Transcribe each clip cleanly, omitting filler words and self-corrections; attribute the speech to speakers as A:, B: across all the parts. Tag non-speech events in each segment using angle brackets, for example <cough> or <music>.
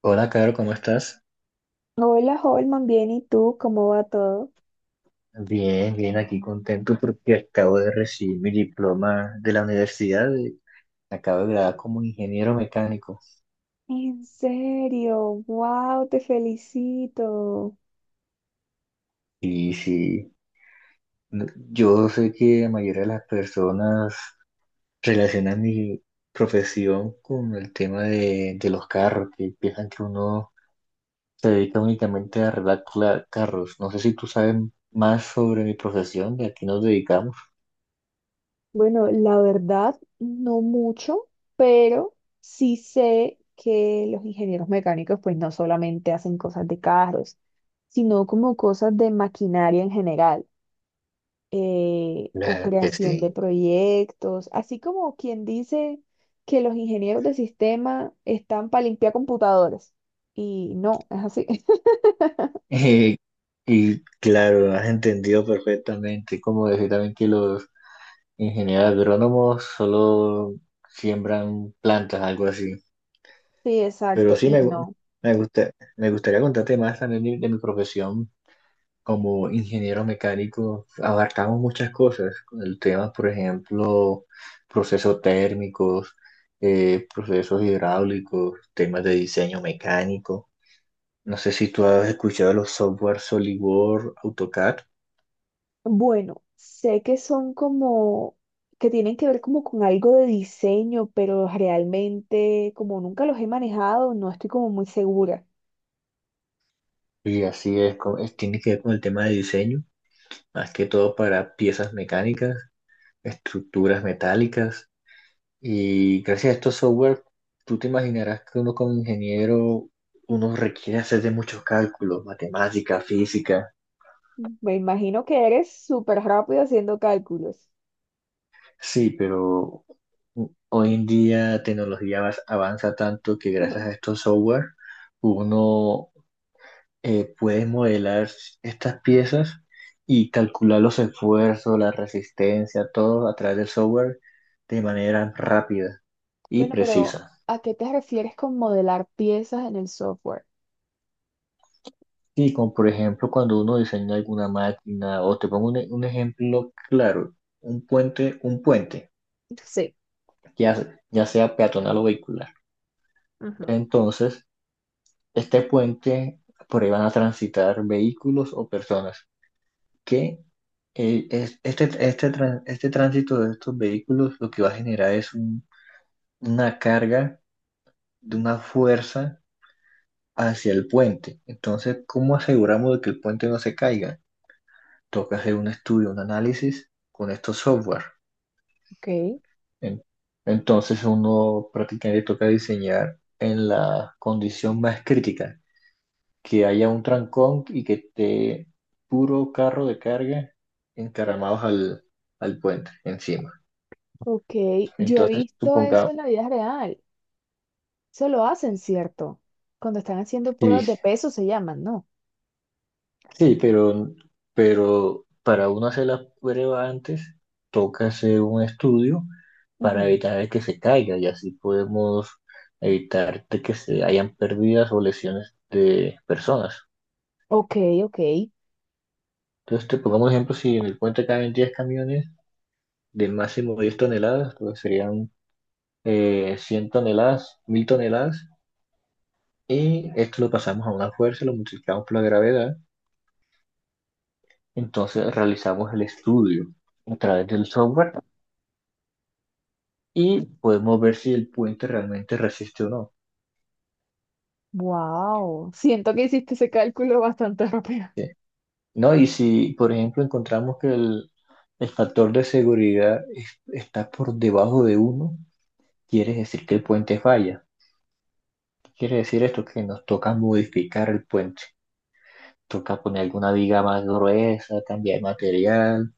A: Hola, Caro, ¿cómo estás?
B: Hola, Holman, bien, ¿y tú? ¿Cómo va todo?
A: Bien, bien, aquí contento porque acabo de recibir mi diploma de la universidad. Acabo de graduar como ingeniero mecánico.
B: En serio, wow, te felicito.
A: Y sí, yo sé que la mayoría de las personas relacionan mi profesión con el tema de los carros, que piensan que uno se dedica únicamente a arreglar carros. No sé si tú sabes más sobre mi profesión, de a qué nos dedicamos.
B: Bueno, la verdad, no mucho, pero sí sé que los ingenieros mecánicos pues no solamente hacen cosas de carros, sino como cosas de maquinaria en general, o
A: Claro que
B: creación de
A: sí.
B: proyectos, así como quien dice que los ingenieros de sistema están para limpiar computadores. Y no, es así. <laughs>
A: Eh, y claro, has entendido perfectamente, como decir también que los ingenieros agrónomos solo siembran plantas, algo así.
B: Sí,
A: Pero
B: exacto,
A: sí
B: y no.
A: me gusta, me gustaría contarte más también de mi profesión como ingeniero mecánico. Abarcamos muchas cosas, con el tema, por ejemplo, procesos térmicos, procesos hidráulicos, temas de diseño mecánico. No sé si tú has escuchado los software SolidWorks, AutoCAD.
B: Bueno, sé que son como, que tienen que ver como con algo de diseño, pero realmente como nunca los he manejado, no estoy como muy segura.
A: Y así es, tiene que ver con el tema de diseño, más que todo para piezas mecánicas, estructuras metálicas. Y gracias a estos software, tú te imaginarás que uno como ingeniero, uno requiere hacer de muchos cálculos, matemática, física.
B: Me imagino que eres súper rápido haciendo cálculos.
A: Sí, pero hoy en día la tecnología avanza tanto que gracias a
B: <laughs>
A: estos software, uno puedes modelar estas piezas y calcular los esfuerzos, la resistencia, todo a través del software de manera rápida y
B: Bueno, pero
A: precisa.
B: ¿a qué te refieres con modelar piezas en el software?
A: Y como por ejemplo cuando uno diseña alguna máquina, o te pongo un ejemplo claro, un puente,
B: Sí.
A: ya, ya sea peatonal o vehicular.
B: Ajá.
A: Entonces, este puente, por ahí van a transitar vehículos o personas. ¿Qué este tránsito de estos vehículos lo que va a generar es una carga de una fuerza hacia el puente? Entonces, ¿cómo aseguramos de que el puente no se caiga? Toca hacer un estudio, un análisis con estos software.
B: Ok,
A: En- Entonces, uno prácticamente toca diseñar en la condición más crítica, que haya un trancón y que esté puro carro de carga encaramados al puente encima.
B: ok. Yo he
A: Entonces,
B: visto eso
A: supongamos
B: en la vida real. Eso lo hacen, ¿cierto? Cuando están haciendo
A: sí,
B: pruebas de peso se llaman, ¿no?
A: sí, pero para uno hacer la prueba antes, toca hacer un estudio para evitar de que se caiga y así podemos evitar de que se hayan pérdidas o lesiones de personas.
B: Ok, ok.
A: Entonces, te pongamos un ejemplo, si en el puente caben 10 camiones de máximo 10 toneladas, pues serían 100 toneladas, 1000 toneladas, y esto lo pasamos a una fuerza, lo multiplicamos por la gravedad, entonces realizamos el estudio a través del software y podemos ver si el puente realmente resiste o no.
B: Wow. Siento que hiciste ese cálculo bastante <laughs> rápido.
A: ¿Sí? ¿No? Y si, por ejemplo, encontramos que el factor de seguridad está por debajo de uno, quiere decir que el puente falla. ¿Qué quiere decir esto? Que nos toca modificar el puente. Toca poner alguna viga más gruesa, cambiar material.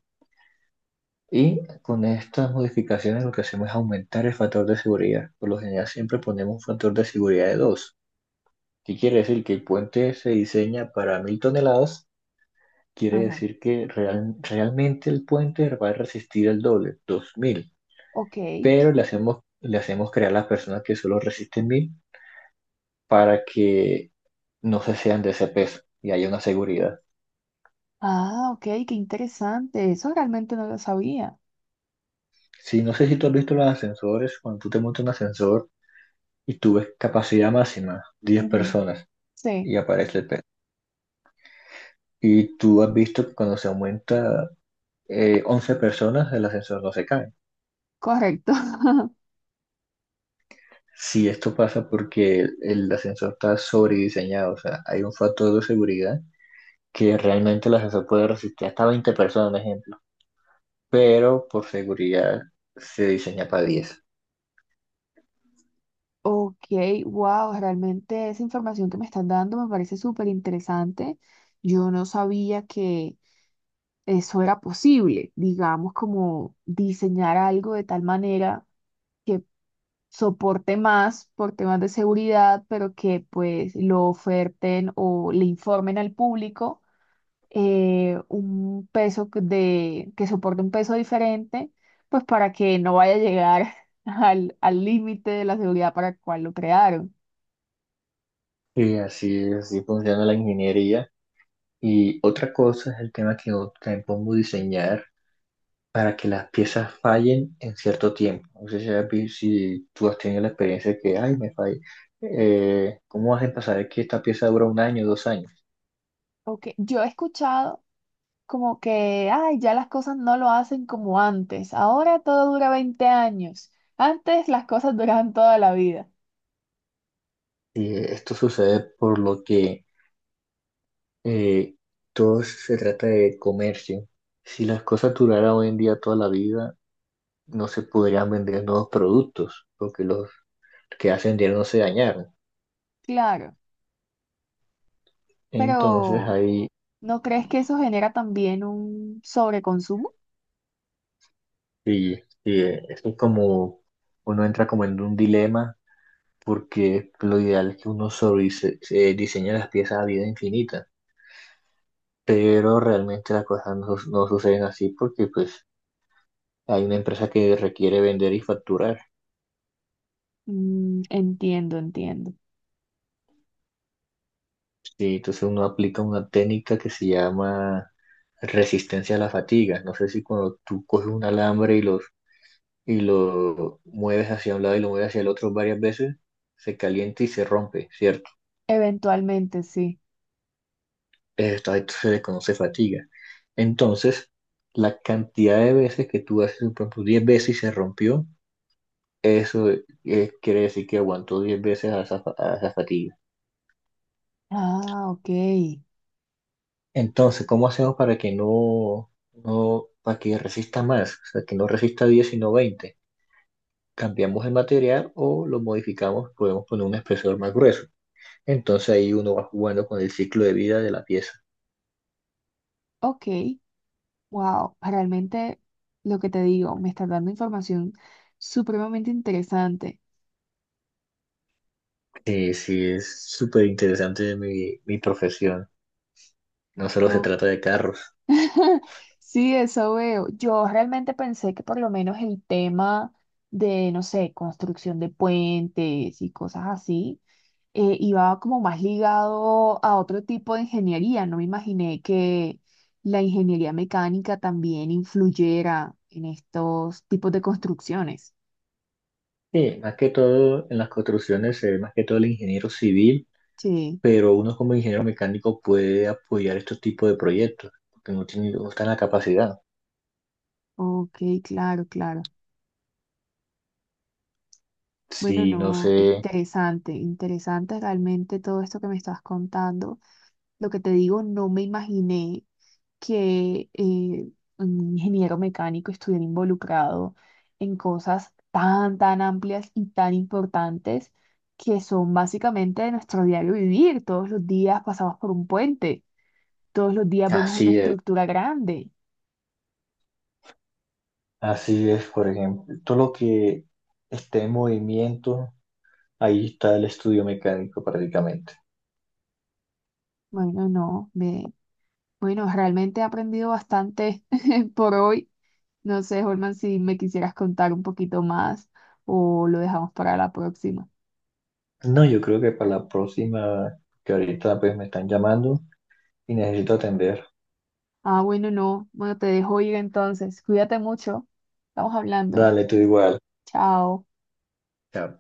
A: Y con estas modificaciones lo que hacemos es aumentar el factor de seguridad. Por lo general siempre ponemos un factor de seguridad de dos. ¿Qué quiere decir? Que el puente se diseña para 1000 toneladas. Quiere
B: Ajá.
A: decir que realmente el puente va a resistir el doble, 2000,
B: Ok.
A: pero le hacemos creer a las personas que solo resisten 1000 para que no se sean de ese peso y haya una seguridad.
B: Ah, ok, qué interesante. Eso realmente no lo sabía.
A: Sí, no sé si tú has visto los ascensores, cuando tú te montas en un ascensor y tú ves capacidad máxima, diez
B: Ujú.
A: personas,
B: Sí,
A: y aparece el peso. Y tú has visto que cuando se aumenta 11 personas, el ascensor no se cae.
B: correcto. <laughs>
A: Sí, esto pasa porque ascensor está sobrediseñado, o sea, hay un factor de seguridad que realmente el ascensor puede resistir hasta 20 personas, por ejemplo, pero por seguridad se diseña para 10.
B: Ok, wow, realmente esa información que me están dando me parece súper interesante. Yo no sabía que eso era posible, digamos, como diseñar algo de tal manera que soporte más por temas de seguridad, pero que pues lo oferten o le informen al público, un peso que soporte un peso diferente, pues para que no vaya a llegar <laughs> al límite de la seguridad para el cual lo crearon.
A: Y así, es, así funciona la ingeniería. Y otra cosa es el tema que yo también pongo diseñar para que las piezas fallen en cierto tiempo. No sé si, si tú has tenido la experiencia de que, ay, me fallé. ¿Cómo hacen para saber que esta pieza dura un año, dos años?
B: Ok, yo he escuchado como que, ay, ya las cosas no lo hacen como antes, ahora todo dura 20 años, antes las cosas duraban toda la vida,
A: Sí, esto sucede por lo que eh, todo se trata de comercio. Si las cosas duraran hoy en día toda la vida, no se podrían vender nuevos productos, porque los que hace vendieron no se dañaron.
B: claro,
A: Entonces
B: pero...
A: ahí
B: ¿No crees que eso genera también un sobreconsumo?
A: sí, sí, esto es como uno entra como en un dilema, porque lo ideal es que uno sobre se diseña las piezas a vida infinita, pero realmente las cosas no suceden así porque pues hay una empresa que requiere vender y facturar.
B: Entiendo, entiendo.
A: Sí, entonces uno aplica una técnica que se llama resistencia a la fatiga. No sé si cuando tú coges un alambre y lo mueves hacia un lado y lo mueves hacia el otro varias veces, se calienta y se rompe, ¿cierto?
B: Eventualmente sí.
A: Esto, a esto se le conoce fatiga. Entonces, la cantidad de veces que tú haces, por ejemplo, 10 veces y se rompió, eso quiere decir que aguantó 10 veces a a esa fatiga.
B: Ah, ok.
A: Entonces, ¿cómo hacemos para que no, no, para que resista más? O sea, ¿que no resista 10 sino 20? Cambiamos el material o lo modificamos, podemos poner un espesor más grueso. Entonces ahí uno va jugando con el ciclo de vida de la pieza.
B: Ok. Wow. Realmente lo que te digo, me estás dando información supremamente interesante,
A: Que sí es súper interesante mi profesión. No solo se
B: ¿no?
A: trata de carros.
B: <laughs> Sí, eso veo. Yo realmente pensé que por lo menos el tema de, no sé, construcción de puentes y cosas así, iba como más ligado a otro tipo de ingeniería. No me imaginé que la ingeniería mecánica también influyera en estos tipos de construcciones.
A: Sí, más que todo en las construcciones se ve más que todo el ingeniero civil,
B: Sí,
A: pero uno como ingeniero mecánico puede apoyar estos tipos de proyectos, porque no tiene, no está en la capacidad.
B: ok, claro, claro. Bueno,
A: Sí, no sé.
B: no, interesante, interesante realmente todo esto que me estás contando. Lo que te digo, no me imaginé que un ingeniero mecánico estuviera involucrado en cosas tan, tan amplias y tan importantes que son básicamente de nuestro diario vivir. Todos los días pasamos por un puente, todos los días vemos una
A: Así es,
B: estructura grande.
A: así es, por ejemplo, todo lo que esté en movimiento, ahí está el estudio mecánico prácticamente.
B: Bueno, no, me, bueno, realmente he aprendido bastante <laughs> por hoy. No sé, Holman, si me quisieras contar un poquito más o lo dejamos para la próxima.
A: No, yo creo que para la próxima, que ahorita pues me están llamando y necesito atender.
B: Ah, bueno, no. Bueno, te dejo ir entonces. Cuídate mucho. Estamos hablando.
A: Dale, tú igual.
B: Chao.
A: Chao.